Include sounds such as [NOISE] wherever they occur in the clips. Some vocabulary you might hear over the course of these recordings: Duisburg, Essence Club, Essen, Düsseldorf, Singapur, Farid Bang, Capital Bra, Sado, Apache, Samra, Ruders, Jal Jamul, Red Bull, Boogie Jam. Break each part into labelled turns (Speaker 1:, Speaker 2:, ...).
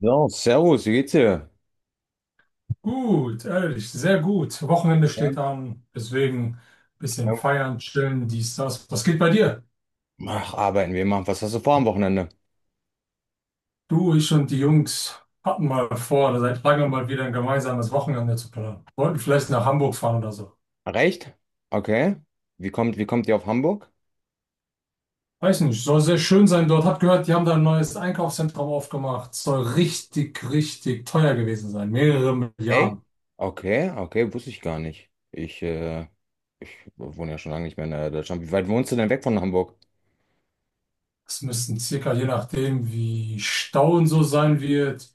Speaker 1: So, servus, wie geht's dir?
Speaker 2: Gut, ehrlich, sehr gut. Wochenende
Speaker 1: Ja,
Speaker 2: steht an, deswegen ein bisschen
Speaker 1: ja.
Speaker 2: feiern, chillen, dies, das. Was geht bei dir?
Speaker 1: Ach, arbeiten wir mal. Was hast du vor am Wochenende?
Speaker 2: Du, ich und die Jungs hatten mal vor, seit langem mal wieder ein gemeinsames Wochenende zu planen. Wollten vielleicht nach Hamburg fahren oder so.
Speaker 1: Recht? Okay. Wie kommt ihr auf Hamburg?
Speaker 2: Weiß nicht, soll sehr schön sein dort. Hab gehört, die haben da ein neues Einkaufszentrum aufgemacht. Soll richtig, richtig teuer gewesen sein. Mehrere
Speaker 1: Ey?
Speaker 2: Milliarden.
Speaker 1: Okay, okay, wusste ich gar nicht. Ich wohne ja schon lange nicht mehr in Deutschland. Wie weit wohnst du denn weg von Hamburg?
Speaker 2: Es müssten circa, je nachdem, wie Stau und so sein wird,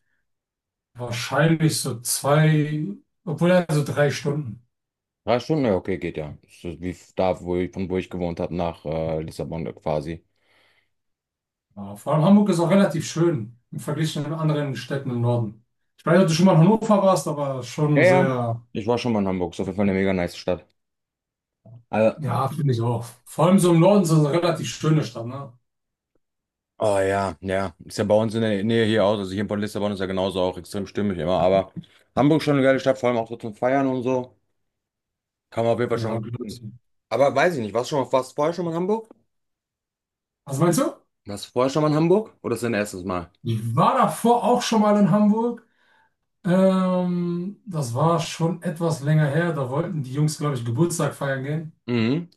Speaker 2: wahrscheinlich so zwei, obwohl also drei Stunden.
Speaker 1: Drei Stunden? Ja, okay, geht ja. Ist das da, von wo ich gewohnt habe, nach Lissabon quasi.
Speaker 2: Ja, vor allem Hamburg ist auch relativ schön im Vergleich zu den anderen Städten im Norden. Ich weiß nicht, ob du schon mal in Hannover warst, aber
Speaker 1: Ja,
Speaker 2: schon
Speaker 1: ja.
Speaker 2: sehr,
Speaker 1: Ich war schon mal in Hamburg. Ist auf jeden Fall eine mega nice Stadt. Also.
Speaker 2: ja, finde ich auch. Vor allem so im Norden ist das eine relativ schöne Stadt, ne?
Speaker 1: Oh ja, ja. Ist ja bei uns in der Nähe hier auch. Also hier in Bonn Lissabon ist ja genauso auch extrem stimmig immer. Aber Hamburg schon eine geile Stadt, vor allem auch so zum Feiern und so. Kann man auf jeden Fall
Speaker 2: Ja,
Speaker 1: schon gut hin.
Speaker 2: Glöckchen.
Speaker 1: Aber weiß ich nicht, warst du vorher schon mal in Hamburg?
Speaker 2: Also meinst du?
Speaker 1: Warst du vorher schon mal in Hamburg? Oder ist das dein erstes Mal?
Speaker 2: Ich war davor auch schon mal in Hamburg. Das war schon etwas länger her. Da wollten die Jungs, glaube ich, Geburtstag feiern gehen.
Speaker 1: Mhm.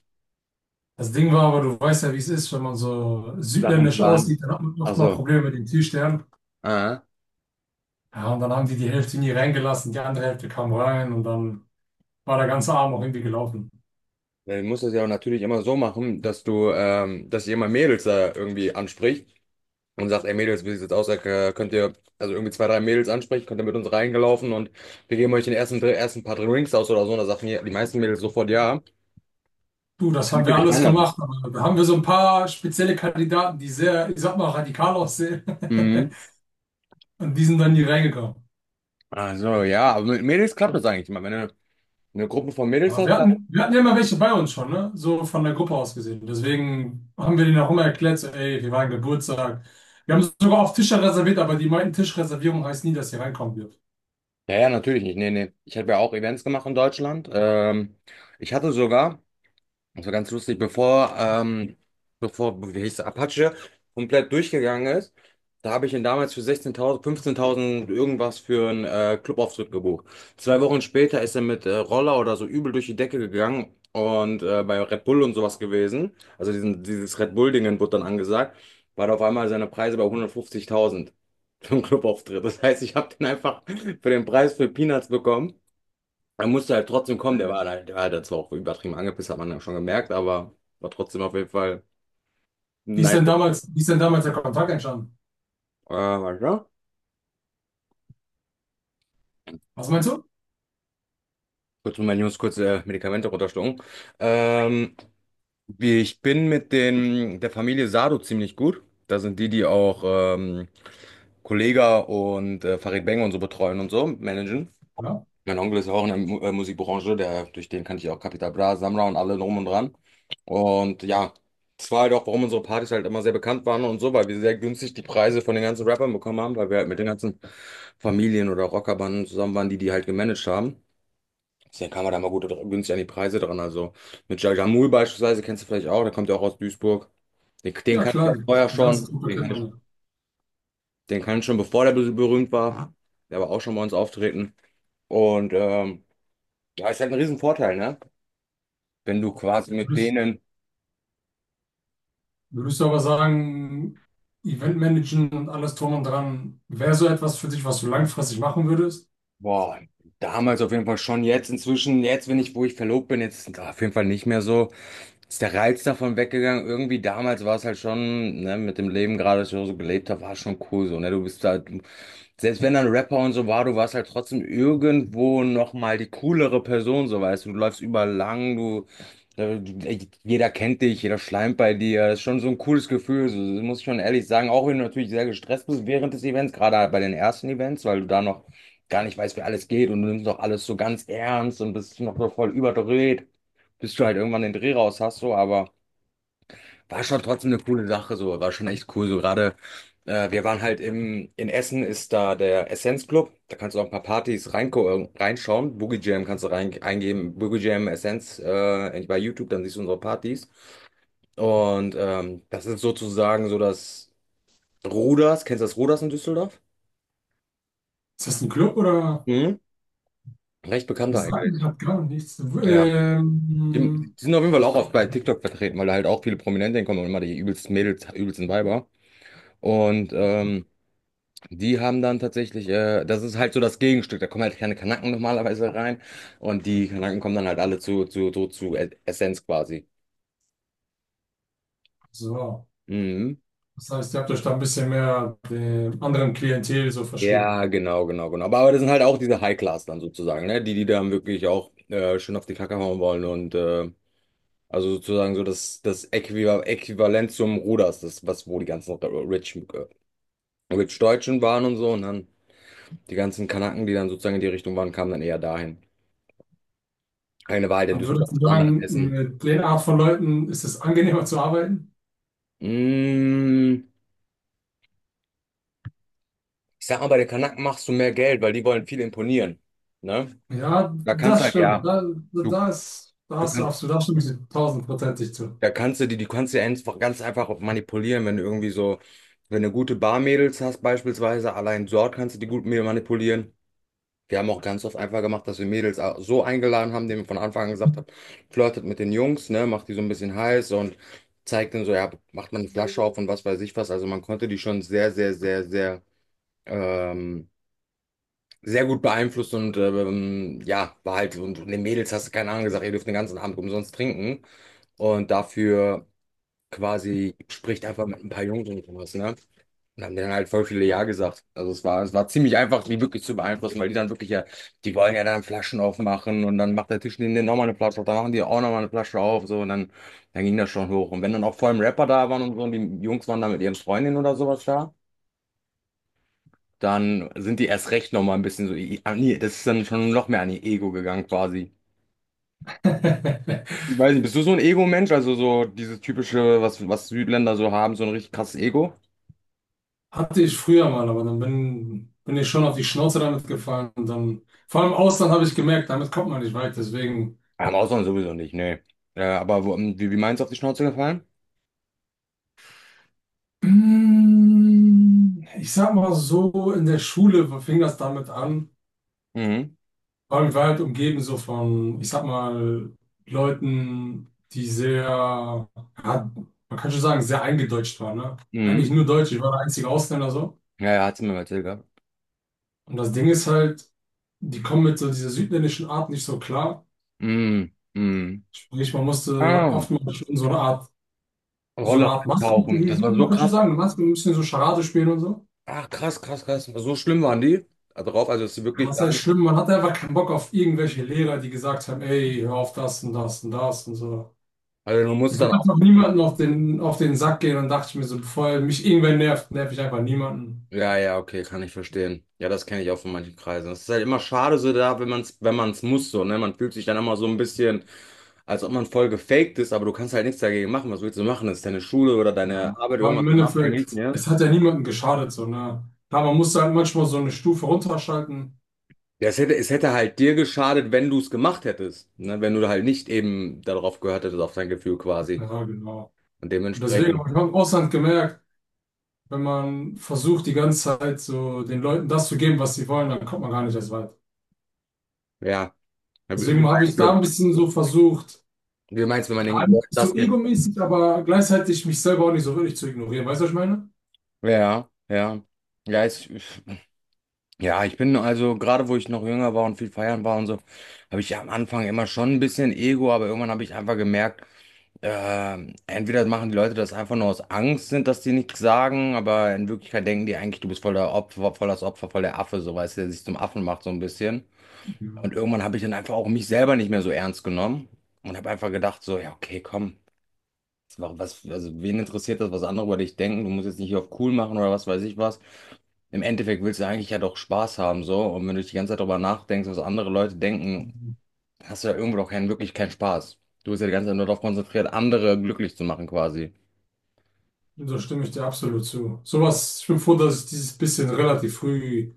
Speaker 2: Das Ding war aber, du weißt ja, wie es ist, wenn man so
Speaker 1: Sachen
Speaker 2: südländisch
Speaker 1: planen.
Speaker 2: aussieht, dann hat man
Speaker 1: Ach
Speaker 2: oft mal
Speaker 1: so.
Speaker 2: Probleme mit den Türstern.
Speaker 1: Ah.
Speaker 2: Ja, und dann haben die Hälfte nie reingelassen, die andere Hälfte kam rein und dann war der ganze Abend auch irgendwie gelaufen.
Speaker 1: Dann musst du es ja auch natürlich immer so machen, dass ihr immer Mädels da irgendwie anspricht. Und sagt, ey Mädels, wie sieht's jetzt aus? Könnt ihr also irgendwie zwei, drei Mädels ansprechen, könnt ihr mit uns reingelaufen und wir geben euch den ersten, ersten paar Drinks aus oder so. Und da sagen die meisten Mädels sofort ja,
Speaker 2: Du, das haben
Speaker 1: damit ihr
Speaker 2: wir
Speaker 1: euch
Speaker 2: alles
Speaker 1: reinlassen.
Speaker 2: gemacht, aber da haben wir so ein paar spezielle Kandidaten, die sehr, ich sag mal, radikal aussehen.
Speaker 1: Mhm.
Speaker 2: [LAUGHS] Und die sind dann nie reingekommen.
Speaker 1: Also ja, aber mit Mädels klappt das eigentlich immer. Wenn du eine Gruppe von Mädels
Speaker 2: Aber
Speaker 1: hast,
Speaker 2: wir
Speaker 1: klappt.
Speaker 2: hatten, wir hatten ja immer welche bei uns schon, ne? So von der Gruppe aus gesehen. Deswegen haben wir denen auch immer erklärt, so, ey, wir waren Geburtstag. Wir haben sogar auf Tische reserviert, aber die meinten, Tischreservierung heißt nie, dass ihr reinkommen dürft.
Speaker 1: Ja, ja, natürlich nicht. Nee, nee. Ich habe ja auch Events gemacht in Deutschland. Ich hatte sogar. Das war ganz lustig, bevor, wie hieß es, Apache komplett durchgegangen ist, da habe ich ihn damals für 16.000, 15.000 irgendwas für einen Clubauftritt gebucht. Zwei Wochen später ist er mit Roller oder so übel durch die Decke gegangen und bei Red Bull und sowas gewesen, also dieses Red Bull-Dingen wurde dann angesagt, war da auf einmal seine Preise bei 150.000 für einen Clubauftritt. Das heißt, ich habe den einfach für den Preis für Peanuts bekommen. Er musste halt trotzdem kommen, der war halt zwar auch übertrieben angepisst, hat man ja schon gemerkt, aber war trotzdem auf jeden Fall
Speaker 2: Wie ist
Speaker 1: nice.
Speaker 2: denn damals, wie ist denn damals der Kontakt entstanden?
Speaker 1: Warte, ja.
Speaker 2: Was meinst du?
Speaker 1: Kurz mal meine Jungs, kurz Medikamente runterschlucken. Ähm, ich bin mit der Familie Sado ziemlich gut. Da sind die, die auch Kollega und Farid Bang und so betreuen und so, managen.
Speaker 2: Ja,
Speaker 1: Mein Onkel ist ja auch in der Mu Musikbranche, durch den kannte ich ja auch Capital Bra, Samra und alle drum und dran. Und ja, das war halt auch, warum unsere Partys halt immer sehr bekannt waren und so, weil wir sehr günstig die Preise von den ganzen Rappern bekommen haben, weil wir halt mit den ganzen Familien oder Rockerbanden zusammen waren, die die halt gemanagt haben. Deswegen kam man da mal gut günstig an die Preise dran. Also mit Jal Jamul beispielsweise, kennst du vielleicht auch, der kommt ja auch aus Duisburg. Den
Speaker 2: ja
Speaker 1: kannte ich ja
Speaker 2: klar,
Speaker 1: vorher
Speaker 2: die ganze
Speaker 1: schon,
Speaker 2: Truppe kennt man
Speaker 1: den kannte ich schon bevor der berühmt war. Der war auch schon bei uns auftreten. Und ja, ist halt ein Riesenvorteil, ne? Wenn du quasi mit
Speaker 2: ja.
Speaker 1: denen.
Speaker 2: Würdest du aber sagen, Eventmanagen und alles drum und dran, wäre so etwas für dich, was du langfristig machen würdest?
Speaker 1: Boah, damals auf jeden Fall schon. Jetzt inzwischen, wenn ich, wo ich verlobt bin, jetzt ist auf jeden Fall nicht mehr so. Ist der Reiz davon weggegangen. Irgendwie damals war es halt schon, ne, mit dem Leben gerade, das ich so gelebt habe, war schon cool so, ne? Du bist halt, selbst wenn dann Rapper und so war, du warst halt trotzdem irgendwo nochmal die coolere Person, so weißt du. Du läufst überall lang, jeder kennt dich, jeder schleimt bei dir. Das ist schon so ein cooles Gefühl, so, das muss ich schon ehrlich sagen. Auch wenn du natürlich sehr gestresst bist während des Events, gerade bei den ersten Events, weil du da noch gar nicht weißt, wie alles geht und du nimmst doch alles so ganz ernst und bist noch so voll überdreht, bis du halt irgendwann den Dreh raus hast, so, aber war schon trotzdem eine coole Sache, so, war schon echt cool, so gerade, wir waren halt in Essen ist da der Essence Club, da kannst du auch ein paar Partys reinko reinschauen, Boogie Jam kannst du rein eingeben, Boogie Jam Essenz bei YouTube, dann siehst du unsere Partys und das ist sozusagen so das Ruders, kennst du das Ruders in Düsseldorf?
Speaker 2: Ist das ein Club oder?
Speaker 1: Mhm. Recht bekannt
Speaker 2: Das sagt mir
Speaker 1: eigentlich.
Speaker 2: gerade gar nichts.
Speaker 1: Ja. Die die sind auf jeden Fall auch
Speaker 2: Ich,
Speaker 1: oft bei TikTok vertreten, weil da halt auch viele Prominente hinkommen und immer die übelsten Mädels, übelsten Weiber. Und die haben dann tatsächlich, das ist halt so das Gegenstück, da kommen halt keine Kanaken normalerweise rein und die Kanaken kommen dann halt alle zu Essenz quasi.
Speaker 2: so,
Speaker 1: Mhm.
Speaker 2: das heißt, ihr habt euch da ein bisschen mehr dem anderen Klientel so verschrieben.
Speaker 1: Ja, genau, genau, genau. Aber das sind halt auch diese High-Class dann sozusagen, ne? Die, die dann wirklich auch schön auf die Kacke hauen wollen und also sozusagen so das Äquivalent zum Ruders, das, was wo die ganzen Rich mit Deutschen waren und so und dann die ganzen Kanaken, die dann sozusagen in die Richtung waren, kamen dann eher dahin. Eine Wahl, denn
Speaker 2: Aber würdest
Speaker 1: Düsseldorf,
Speaker 2: du
Speaker 1: das andere in
Speaker 2: sagen,
Speaker 1: Essen.
Speaker 2: mit der Art von Leuten ist es angenehmer zu arbeiten?
Speaker 1: Mm, ich sag mal, bei den Kanaken machst du mehr Geld, weil die wollen viel imponieren. Ne?
Speaker 2: Ja,
Speaker 1: Da kannst du
Speaker 2: das
Speaker 1: halt,
Speaker 2: stimmt.
Speaker 1: ja,
Speaker 2: Da, da,
Speaker 1: du,
Speaker 2: da ist, da
Speaker 1: du
Speaker 2: hast du
Speaker 1: kannst,
Speaker 2: absolut, da stimme ich dir tausendprozentig zu.
Speaker 1: da kannst du die, du kannst du ja einfach ganz einfach auch manipulieren, wenn du irgendwie so, wenn du gute Barmädels hast, beispielsweise, allein dort kannst du die gut manipulieren. Wir haben auch ganz oft einfach gemacht, dass wir Mädels so eingeladen haben, denen wir von Anfang an gesagt haben, flirtet mit den Jungs, ne, macht die so ein bisschen heiß und zeigt denen so, ja, macht man eine Flasche auf und was weiß ich was. Also man konnte die schon sehr, sehr, sehr, sehr, ähm, sehr gut beeinflussen und ja, war halt, und den Mädels hast du keine Ahnung gesagt, ihr dürft den ganzen Abend umsonst trinken. Und dafür quasi spricht einfach mit ein paar Jungs und sowas, ne? Und haben denen halt voll viele Ja gesagt. Also es war ziemlich einfach, die wirklich zu beeinflussen, weil die dann wirklich ja, die wollen ja dann Flaschen aufmachen und dann macht der Tisch neben denen nochmal eine Flasche auf, dann machen die auch nochmal eine Flasche auf, so und dann ging das schon hoch. Und wenn dann auch vor allem Rapper da waren und so und die Jungs waren da mit ihren Freundinnen oder sowas da, dann sind die erst recht nochmal ein bisschen so, das ist dann schon noch mehr an ihr Ego gegangen quasi.
Speaker 2: [LAUGHS]
Speaker 1: Ich weiß nicht, bist du so ein Ego-Mensch? Also so dieses typische, was Südländer so haben, so ein richtig krasses Ego?
Speaker 2: Hatte ich früher mal, aber dann bin ich schon auf die Schnauze damit gefallen. Und dann, vor allem im Ausland habe ich gemerkt, damit kommt man nicht weit. Deswegen,
Speaker 1: Ja, im Ausland sowieso nicht, nee. Aber wo, wie meinst du, auf die Schnauze gefallen?
Speaker 2: ich sag mal so, in der Schule fing das damit an.
Speaker 1: Mhm.
Speaker 2: Vor allem, ich war halt umgeben so von, ich sag mal, Leuten, die sehr, ja, man kann schon sagen, sehr eingedeutscht waren. Ne?
Speaker 1: Mhm.
Speaker 2: Eigentlich nur Deutsch, ich war der einzige Ausländer so.
Speaker 1: Ja, ja, hat's mir mal erzählt gehabt.
Speaker 2: Und das Ding ist halt, die kommen mit so dieser südländischen Art nicht so klar.
Speaker 1: Mhm. Mhm.
Speaker 2: Sprich, man musste
Speaker 1: Ah,
Speaker 2: oftmals schon so eine Art so eine
Speaker 1: Rolle
Speaker 2: Art Masken,
Speaker 1: reintauchen. Das war
Speaker 2: man
Speaker 1: so
Speaker 2: könnte schon
Speaker 1: krass.
Speaker 2: sagen, Masken, ein bisschen so Charade spielen und so.
Speaker 1: Ach, krass, krass, krass. So schlimm waren die da drauf. Also, es ist wirklich
Speaker 2: Was
Speaker 1: gar
Speaker 2: heißt
Speaker 1: nicht.
Speaker 2: schlimm? Man hatte einfach keinen Bock auf irgendwelche Lehrer, die gesagt haben, ey, hör auf das und das und das und so.
Speaker 1: Also, du
Speaker 2: Ich
Speaker 1: musst dann
Speaker 2: wollte
Speaker 1: auch.
Speaker 2: einfach niemanden auf den Sack gehen und dachte ich mir so, bevor mich irgendwer nervt, nerv ich einfach niemanden.
Speaker 1: Ja, ja, okay, kann ich verstehen. Ja, das kenne ich auch von manchen Kreisen. Es ist halt immer schade so da, wenn man es muss, so, ne? Man fühlt sich dann immer so ein bisschen, als ob man voll gefaked ist, aber du kannst halt nichts dagegen machen. Was willst du machen? Das ist deine Schule oder deine
Speaker 2: Ja.
Speaker 1: Arbeit
Speaker 2: Weil
Speaker 1: irgendwas
Speaker 2: im
Speaker 1: von abhängig,
Speaker 2: Endeffekt,
Speaker 1: ne?
Speaker 2: es hat ja niemandem geschadet, so, ne? Klar, man musste halt manchmal so eine Stufe runterschalten.
Speaker 1: Ja, es hätte halt dir geschadet, wenn du es gemacht hättest. Ne? Wenn du halt nicht eben darauf gehört hättest, auf dein Gefühl quasi.
Speaker 2: Ja, genau.
Speaker 1: Und
Speaker 2: Und deswegen
Speaker 1: dementsprechend,
Speaker 2: habe ich auch im Ausland gemerkt, wenn man versucht, die ganze Zeit so den Leuten das zu geben, was sie wollen, dann kommt man gar nicht erst weit.
Speaker 1: ja. Ja, Wie wie
Speaker 2: Deswegen habe
Speaker 1: meinst
Speaker 2: ich da
Speaker 1: du,
Speaker 2: ein bisschen so versucht,
Speaker 1: wie meinst du, wenn man
Speaker 2: gar
Speaker 1: den
Speaker 2: nicht
Speaker 1: Leuten das
Speaker 2: so
Speaker 1: geht?
Speaker 2: egomäßig, aber gleichzeitig mich selber auch nicht so wirklich zu ignorieren. Weißt du, was ich meine?
Speaker 1: Ja, ja. Ja, ich bin also, gerade wo ich noch jünger war und viel feiern war und so, habe ich am Anfang immer schon ein bisschen Ego, aber irgendwann habe ich einfach gemerkt, entweder machen die Leute das einfach nur aus Angst, sind, dass die nichts sagen, aber in Wirklichkeit denken die eigentlich, du bist voll der Opfer, voll das Opfer, voll der Affe, so weißt du, der sich zum Affen macht, so ein bisschen. Und
Speaker 2: Ja.
Speaker 1: irgendwann habe ich dann einfach auch mich selber nicht mehr so ernst genommen und habe einfach gedacht, so, ja, okay, komm, was, also wen interessiert das, was andere über dich denken? Du musst jetzt nicht hier auf cool machen oder was weiß ich was. Im Endeffekt willst du eigentlich ja doch Spaß haben, so. Und wenn du dich die ganze Zeit darüber nachdenkst, was andere Leute denken, da hast du ja irgendwo doch keinen, wirklich keinen Spaß. Du bist ja die ganze Zeit nur darauf konzentriert, andere glücklich zu machen quasi.
Speaker 2: Und da stimme ich dir absolut zu. Sowas, ich bin froh, dass ich dieses bisschen relativ früh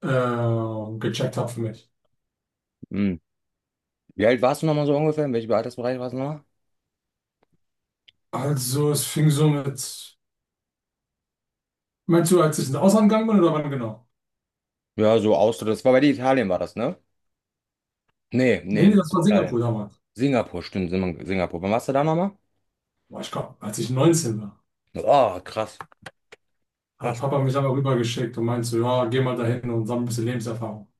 Speaker 2: gecheckt habe für mich.
Speaker 1: Hm. Wie alt warst du nochmal so ungefähr? In welchem Altersbereich warst du nochmal?
Speaker 2: Also, es fing so mit. Meinst du, als ich ins Ausland gegangen bin oder wann genau?
Speaker 1: Ja, so Austritt. Das war bei dir Italien, war das, ne? Nee,
Speaker 2: Nee,
Speaker 1: nee,
Speaker 2: nee,
Speaker 1: nicht
Speaker 2: das war Singapur
Speaker 1: Italien.
Speaker 2: damals.
Speaker 1: Singapur, stimmt, Singapur. Wann warst du da nochmal?
Speaker 2: Boah, ich glaube, als ich 19 war,
Speaker 1: Oh, krass,
Speaker 2: hat
Speaker 1: krass.
Speaker 2: Papa mich einmal rübergeschickt und meinte so, ja, geh mal dahin und sammle ein bisschen Lebenserfahrung.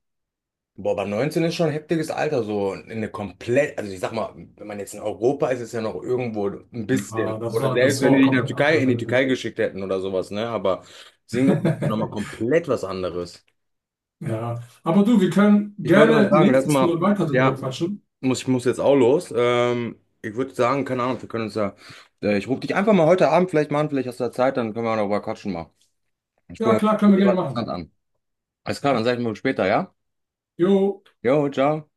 Speaker 1: Boah, aber 19 ist schon ein heftiges Alter, so in eine komplett, also ich sag mal, wenn man jetzt in Europa ist, ist ja noch irgendwo ein
Speaker 2: Ja.
Speaker 1: bisschen.
Speaker 2: Ah, das
Speaker 1: Oder
Speaker 2: war,
Speaker 1: selbst
Speaker 2: das war
Speaker 1: wenn die
Speaker 2: auch
Speaker 1: dich in der
Speaker 2: komplett
Speaker 1: Türkei, in die
Speaker 2: andere
Speaker 1: Türkei geschickt hätten oder sowas, ne? Aber Singapur ist
Speaker 2: Welt. [LAUGHS]
Speaker 1: nochmal komplett was anderes.
Speaker 2: Ja, aber du, wir können
Speaker 1: Ich wollte gerade
Speaker 2: gerne
Speaker 1: sagen, lass
Speaker 2: nächstes
Speaker 1: mal,
Speaker 2: Mal weiter drüber
Speaker 1: ja,
Speaker 2: quatschen.
Speaker 1: ich muss jetzt auch los. Ich würde sagen, keine Ahnung, wir können uns ja, ich rufe dich einfach mal heute Abend vielleicht mal an, vielleicht hast du ja Zeit, dann können wir auch noch mal quatschen mal. Ich
Speaker 2: Ja,
Speaker 1: rufe
Speaker 2: klar, können wir gerne
Speaker 1: jemand interessant
Speaker 2: machen.
Speaker 1: an. Alles klar, dann sag ich mal später, ja?
Speaker 2: Jo.
Speaker 1: Jo, ciao.